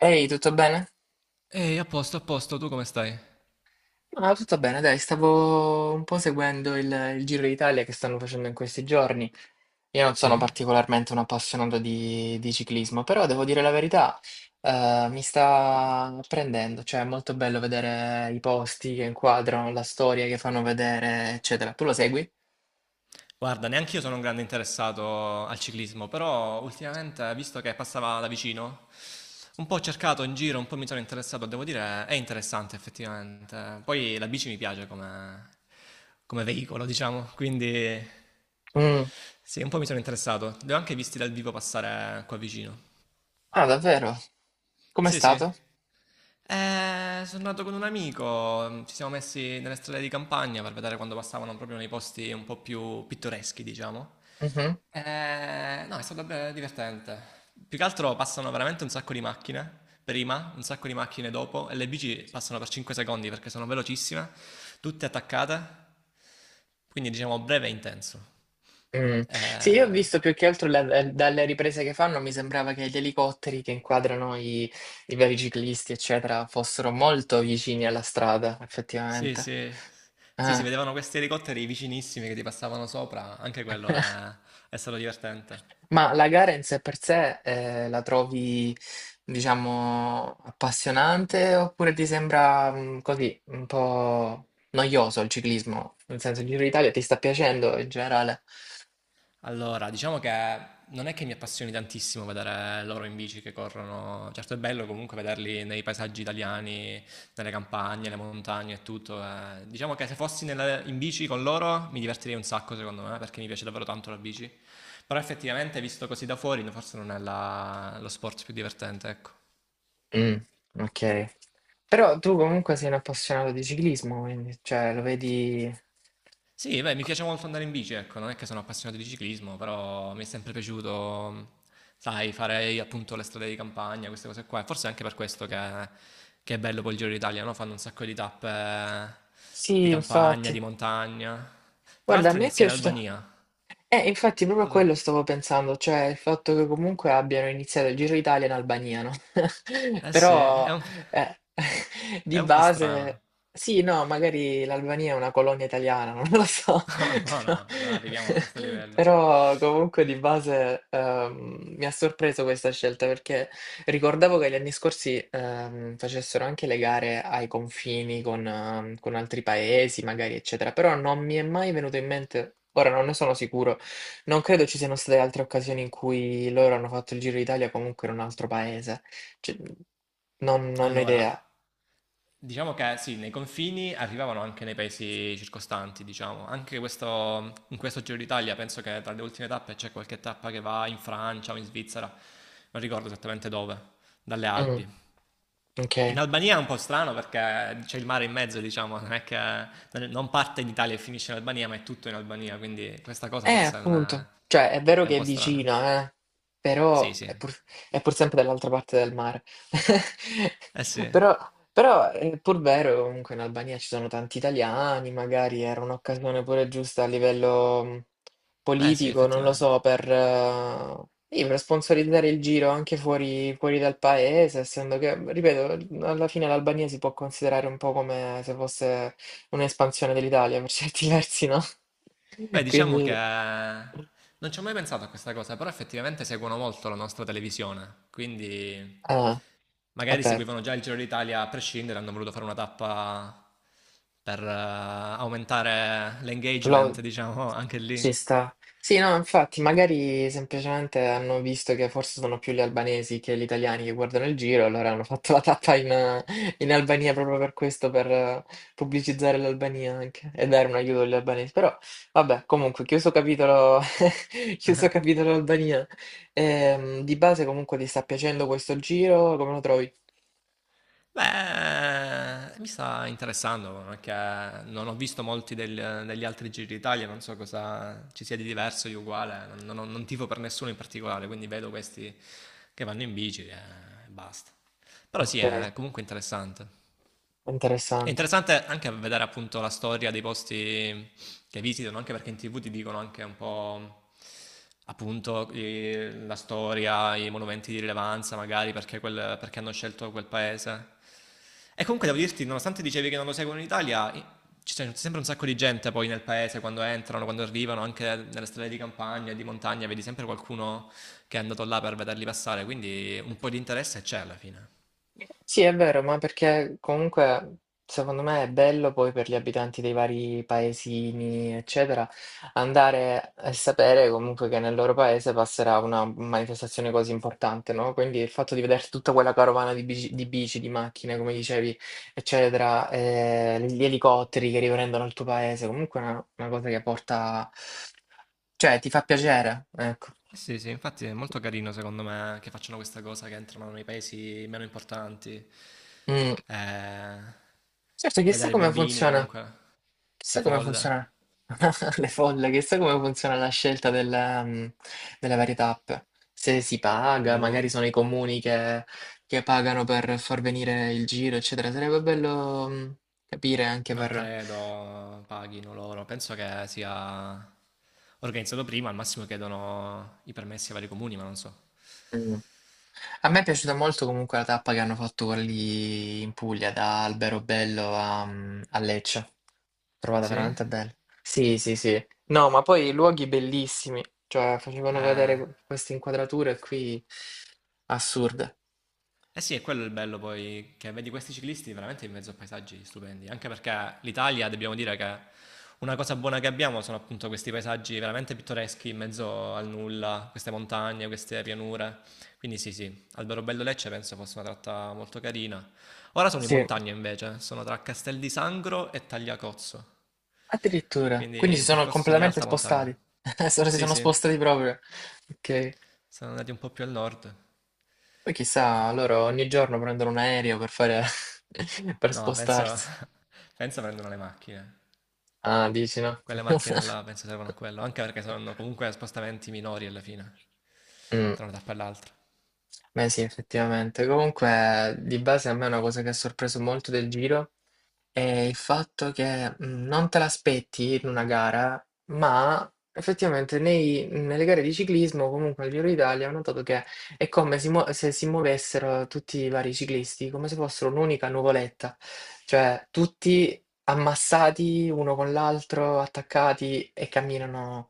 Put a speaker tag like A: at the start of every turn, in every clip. A: Ehi, tutto bene?
B: Ehi, a posto, tu come stai?
A: Ah, tutto bene, dai, stavo un po' seguendo il Giro d'Italia che stanno facendo in questi giorni. Io non sono
B: Sì?
A: particolarmente un appassionato di ciclismo, però devo dire la verità, mi sta prendendo, cioè è molto bello vedere i posti che inquadrano, la storia che fanno vedere, eccetera. Tu lo segui?
B: Guarda, neanche io sono un grande interessato al ciclismo, però ultimamente, visto che passava da vicino, un po' ho cercato in giro, un po' mi sono interessato, devo dire, è interessante effettivamente. Poi la bici mi piace come, come veicolo, diciamo, quindi
A: Mm.
B: sì, un po' mi sono interessato. Li ho anche visti dal vivo passare qua vicino.
A: Ah, davvero? Com'è
B: Sì, sì.
A: stato?
B: Sono andato con un amico, ci siamo messi nelle strade di campagna per vedere quando passavano proprio nei posti un po' più pittoreschi, diciamo.
A: Mm-hmm.
B: No, è stato divertente. Più che altro passano veramente un sacco di macchine prima, un sacco di macchine dopo e le bici passano per 5 secondi perché sono velocissime, tutte attaccate, quindi diciamo breve e intenso.
A: Mh. Sì, io ho
B: Eh,
A: visto più che altro la dalle riprese che fanno mi sembrava che gli elicotteri che inquadrano i vari ciclisti, eccetera, fossero molto vicini alla strada,
B: Sì,
A: effettivamente.
B: sì. Sì, si
A: Eh.
B: vedevano questi elicotteri vicinissimi che ti passavano sopra, anche quello è stato divertente.
A: Ma la gara in sé per sé, la trovi, diciamo, appassionante oppure ti sembra, così, un po' noioso il ciclismo? Nel senso, il Giro d'Italia ti sta piacendo in generale?
B: Allora, diciamo che non è che mi appassioni tantissimo vedere loro in bici che corrono. Certo è bello comunque vederli nei paesaggi italiani, nelle campagne, le montagne e tutto. Diciamo che se fossi in bici con loro mi divertirei un sacco, secondo me, perché mi piace davvero tanto la bici. Però effettivamente, visto così da fuori, forse non è lo sport più divertente, ecco.
A: Mh, okay. Però tu comunque sei un appassionato di ciclismo, quindi cioè lo vedi.
B: Sì, beh, mi
A: Co
B: piace molto andare in bici, ecco, non è che sono appassionato di ciclismo, però mi è sempre piaciuto, sai, fare appunto le strade di campagna, queste cose qua. E forse è anche per questo che è bello poi il Giro d'Italia, no? Fanno un sacco di tappe di
A: Sì,
B: campagna,
A: infatti.
B: di montagna. Tra
A: Guarda, a
B: l'altro
A: me è
B: inizia in
A: piaciuta.
B: Albania. Non
A: Infatti proprio a
B: so.
A: quello stavo pensando, cioè il fatto che comunque abbiano iniziato il Giro d'Italia in Albania, no?
B: Eh sì,
A: Però eh,
B: è
A: di
B: un po'
A: base,
B: strano.
A: sì, no, magari l'Albania è una colonia italiana, non lo so,
B: No, no,
A: però,
B: no, non arriviamo a questo livello.
A: però comunque di base mi ha sorpreso questa scelta perché ricordavo che gli anni scorsi facessero anche le gare ai confini con altri paesi, magari, eccetera, però non mi è mai venuto in mente, ora non ne sono sicuro, non credo ci siano state altre occasioni in cui loro hanno fatto il Giro d'Italia comunque in un altro paese. Cioè, non ho
B: Allora,
A: idea.
B: diciamo che sì, nei confini arrivavano anche nei paesi circostanti, diciamo. In questo Giro d'Italia penso che tra le ultime tappe c'è qualche tappa che va in Francia o in Svizzera, non ricordo esattamente dove, dalle
A: Mm,
B: Alpi.
A: ok.
B: In Albania è un po' strano perché c'è il mare in mezzo, diciamo, non è che non parte in Italia e finisce in Albania, ma è tutto in Albania, quindi questa cosa forse non
A: Appunto.
B: è,
A: Cioè, è vero
B: è un
A: che è
B: po' strana.
A: vicina,
B: Sì,
A: però
B: sì.
A: è pur sempre dall'altra parte del mare.
B: Eh sì.
A: Però, però è pur vero che comunque in Albania ci sono tanti italiani, magari era un'occasione pure giusta a livello
B: Beh sì,
A: politico, non lo
B: effettivamente.
A: so, sì, per sponsorizzare il giro anche fuori dal paese, essendo che, ripeto, alla fine l'Albania si può considerare un po' come se fosse un'espansione dell'Italia per certi versi, no?
B: Beh, diciamo che
A: Quindi,
B: non ci ho mai pensato a questa cosa, però effettivamente seguono molto la nostra televisione, quindi
A: eh, è
B: magari
A: vero,
B: seguivano già il Giro d'Italia a prescindere, hanno voluto fare una tappa per aumentare l'engagement,
A: lo-
B: diciamo, anche lì.
A: ci sta. Sì, no, infatti, magari semplicemente hanno visto che forse sono più gli albanesi che gli italiani che guardano il giro, allora hanno fatto la tappa in Albania proprio per questo, per pubblicizzare l'Albania anche e dare un aiuto agli albanesi. Però, vabbè, comunque, chiuso capitolo, chiuso capitolo Albania. Di base, comunque, ti sta piacendo questo giro? Come lo trovi?
B: Beh, mi sta interessando anche, non ho visto molti degli altri Giri d'Italia, non so cosa ci sia di diverso, di uguale, non tifo per nessuno in particolare, quindi vedo questi che vanno in bici e basta. Però sì,
A: Okay,
B: è comunque interessante. È
A: interessante.
B: interessante anche vedere appunto la storia dei posti che visitano, anche perché in TV ti dicono anche un po' appunto la storia, i monumenti di rilevanza, magari perché, perché hanno scelto quel paese. E comunque devo dirti, nonostante dicevi che non lo seguono in Italia, i- ci c'è sempre un sacco di gente poi nel paese quando entrano, quando arrivano, anche nelle strade di campagna, di montagna, vedi sempre qualcuno che è andato là per vederli passare, quindi un po' di interesse c'è alla fine.
A: Sì, è vero, ma perché comunque secondo me è bello poi per gli abitanti dei vari paesini, eccetera, andare e sapere comunque che nel loro paese passerà una manifestazione così importante, no, quindi il fatto di vedere tutta quella carovana di bici di bici, di macchine, come dicevi, eccetera, gli elicotteri che riprendono il tuo paese, comunque è una cosa che porta, cioè ti fa piacere, ecco.
B: Sì, sì, infatti è molto carino secondo me che facciano questa cosa che entrano nei paesi meno importanti.
A: Mh.
B: Eh,
A: Certo,
B: vedere i bambini comunque, le
A: chissà come
B: folle.
A: funziona le folle, chissà come funziona la scelta della, delle varie tappe. Se si paga,
B: Boh,
A: magari sono i comuni che pagano per far venire il giro, eccetera. Sarebbe bello, capire anche
B: non credo paghino loro. Penso che sia organizzato prima, al massimo chiedono i permessi ai vari comuni, ma non so.
A: Mm. A me è piaciuta molto comunque la tappa che hanno fatto quella lì in Puglia, da Alberobello a Lecce. L'ho trovata
B: Sì?
A: veramente bella. Sì, sì, sì. No, ma poi luoghi bellissimi, cioè facevano vedere
B: Eh,
A: queste inquadrature qui assurde.
B: Eh sì, è quello il bello poi, che vedi questi ciclisti veramente in mezzo a paesaggi stupendi, anche perché l'Italia, dobbiamo dire che una cosa buona che abbiamo sono appunto questi paesaggi veramente pittoreschi in mezzo al nulla, queste montagne, queste pianure. Quindi sì, sì, Alberobello Lecce penso fosse una tratta molto carina. Ora sono in
A: Sì,
B: montagna invece, sono tra Castel di Sangro e Tagliacozzo,
A: addirittura.
B: quindi
A: Quindi
B: è
A: si
B: un
A: sono
B: percorso di
A: completamente
B: alta montagna.
A: spostati. Solo si
B: Sì,
A: sono
B: sì,
A: spostati proprio. Ok.
B: sono andati un po' più al nord.
A: Poi chissà, loro ogni giorno prendono un aereo per fare per
B: No, penso,
A: spostarsi.
B: penso prendono le macchine.
A: Ah, dici no?
B: Quelle macchine là penso servono a quello, anche perché saranno comunque spostamenti minori alla fine, tra
A: Mh.
B: una tappa e l'altra.
A: Beh sì, effettivamente. Comunque di base a me è una cosa che ha sorpreso molto del Giro, e il fatto che non te l'aspetti in una gara, ma effettivamente nei nelle gare di ciclismo, comunque al Giro d'Italia, ho notato che è come si muo se si muovessero tutti i vari ciclisti, come se fossero un'unica nuvoletta, cioè tutti ammassati uno con l'altro, attaccati e camminano,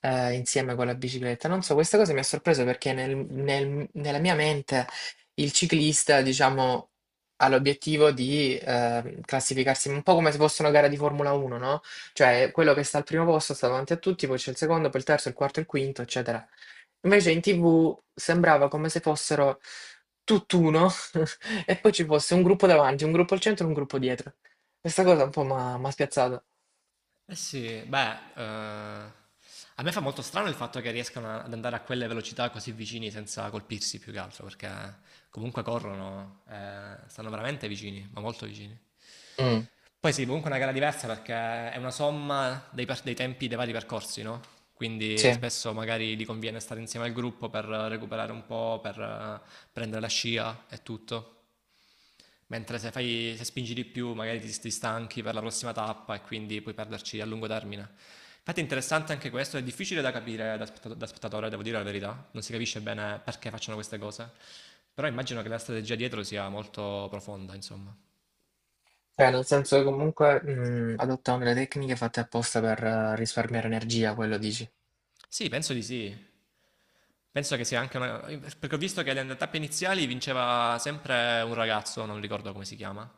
A: insieme con la bicicletta. Non so, questa cosa mi ha sorpreso perché nella mia mente il ciclista, diciamo ha l'obiettivo di classificarsi un po' come se fosse una gara di Formula 1, no? Cioè quello che sta al primo posto sta davanti a tutti, poi c'è il secondo, poi il terzo, il quarto, il quinto, eccetera. Invece in TV sembrava come se fossero tutt'uno e poi ci fosse un gruppo davanti, un gruppo al centro e un gruppo dietro. Questa cosa un po' mi ha spiazzato.
B: Eh sì, beh, a me fa molto strano il fatto che riescano ad andare a quelle velocità così vicini senza colpirsi più che altro, perché comunque corrono, stanno veramente vicini, ma molto vicini.
A: Mm,
B: Poi sì, comunque è una gara diversa perché è una somma dei tempi dei vari percorsi, no? Quindi
A: sì.
B: spesso magari gli conviene stare insieme al gruppo per recuperare un po', per prendere la scia e tutto. Mentre se fai, se spingi di più, magari ti stanchi per la prossima tappa e quindi puoi perderci a lungo termine. Infatti è interessante anche questo, è difficile da capire da, da spettatore, devo dire la verità, non si capisce bene perché facciano queste cose, però immagino che la strategia dietro sia molto profonda, insomma.
A: Cioè, nel senso che comunque adottano delle tecniche fatte apposta per risparmiare energia, quello dici.
B: Sì, penso di sì. Penso che sia anche una. Perché ho visto che le tappe iniziali vinceva sempre un ragazzo, non ricordo come si chiama.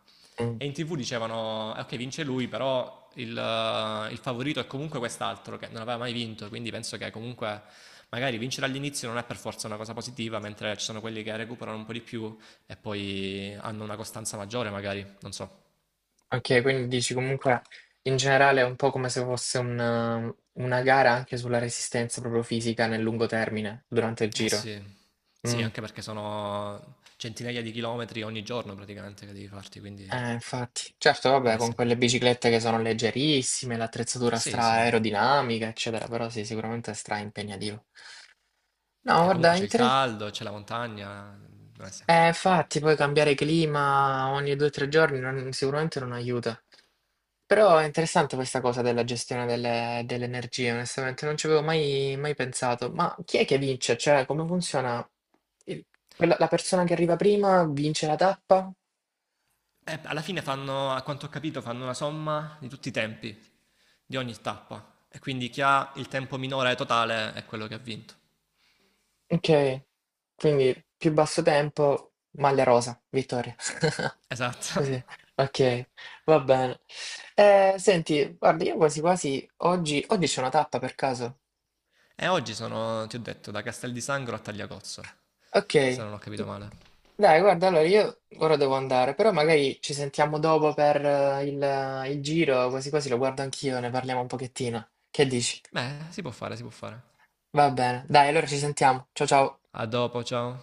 A: Mm.
B: E in TV dicevano, ok, vince lui, però il favorito è comunque quest'altro che non aveva mai vinto, quindi penso che comunque magari vincere all'inizio non è per forza una cosa positiva, mentre ci sono quelli che recuperano un po' di più e poi hanno una costanza maggiore, magari, non so.
A: Ok, quindi dici comunque in generale è un po' come se fosse una gara anche sulla resistenza proprio fisica nel lungo termine, durante il
B: Eh
A: giro.
B: sì. Sì,
A: Mm.
B: anche perché sono centinaia di chilometri ogni giorno praticamente che devi farti, quindi
A: Infatti. Certo,
B: non
A: vabbè,
B: è
A: con quelle
B: semplice.
A: biciclette che sono leggerissime, l'attrezzatura
B: Sì,
A: stra
B: sì.
A: aerodinamica, eccetera, però sì, sicuramente è stra impegnativo. No,
B: E comunque
A: guarda.
B: c'è il caldo, c'è la montagna, non è semplice.
A: Infatti, poi cambiare clima ogni 2 o 3 giorni non sicuramente non aiuta. Però è interessante questa cosa della gestione delle, delle energie, onestamente, non ci avevo mai, mai pensato. Ma chi è che vince? Cioè, come funziona? Il- la persona che arriva prima vince la tappa?
B: Alla fine fanno, a quanto ho capito, fanno una somma di tutti i tempi, di ogni tappa. E quindi chi ha il tempo minore totale è quello che ha vinto.
A: Ok, quindi più basso tempo, maglia rosa, vittoria.
B: Esatto.
A: Così, ok, va bene. Senti, guarda, io quasi quasi oggi c'è una tappa per caso.
B: E oggi sono, ti ho detto, da Castel di Sangro a Tagliacozzo,
A: Ok.
B: se non ho capito male.
A: Dai, guarda, allora io ora devo andare, però magari ci sentiamo dopo per il giro, quasi quasi lo guardo anch'io, ne parliamo un pochettino. Che dici?
B: Beh, si può fare, si può fare.
A: Va bene, dai, allora ci sentiamo. Ciao ciao.
B: A dopo, ciao.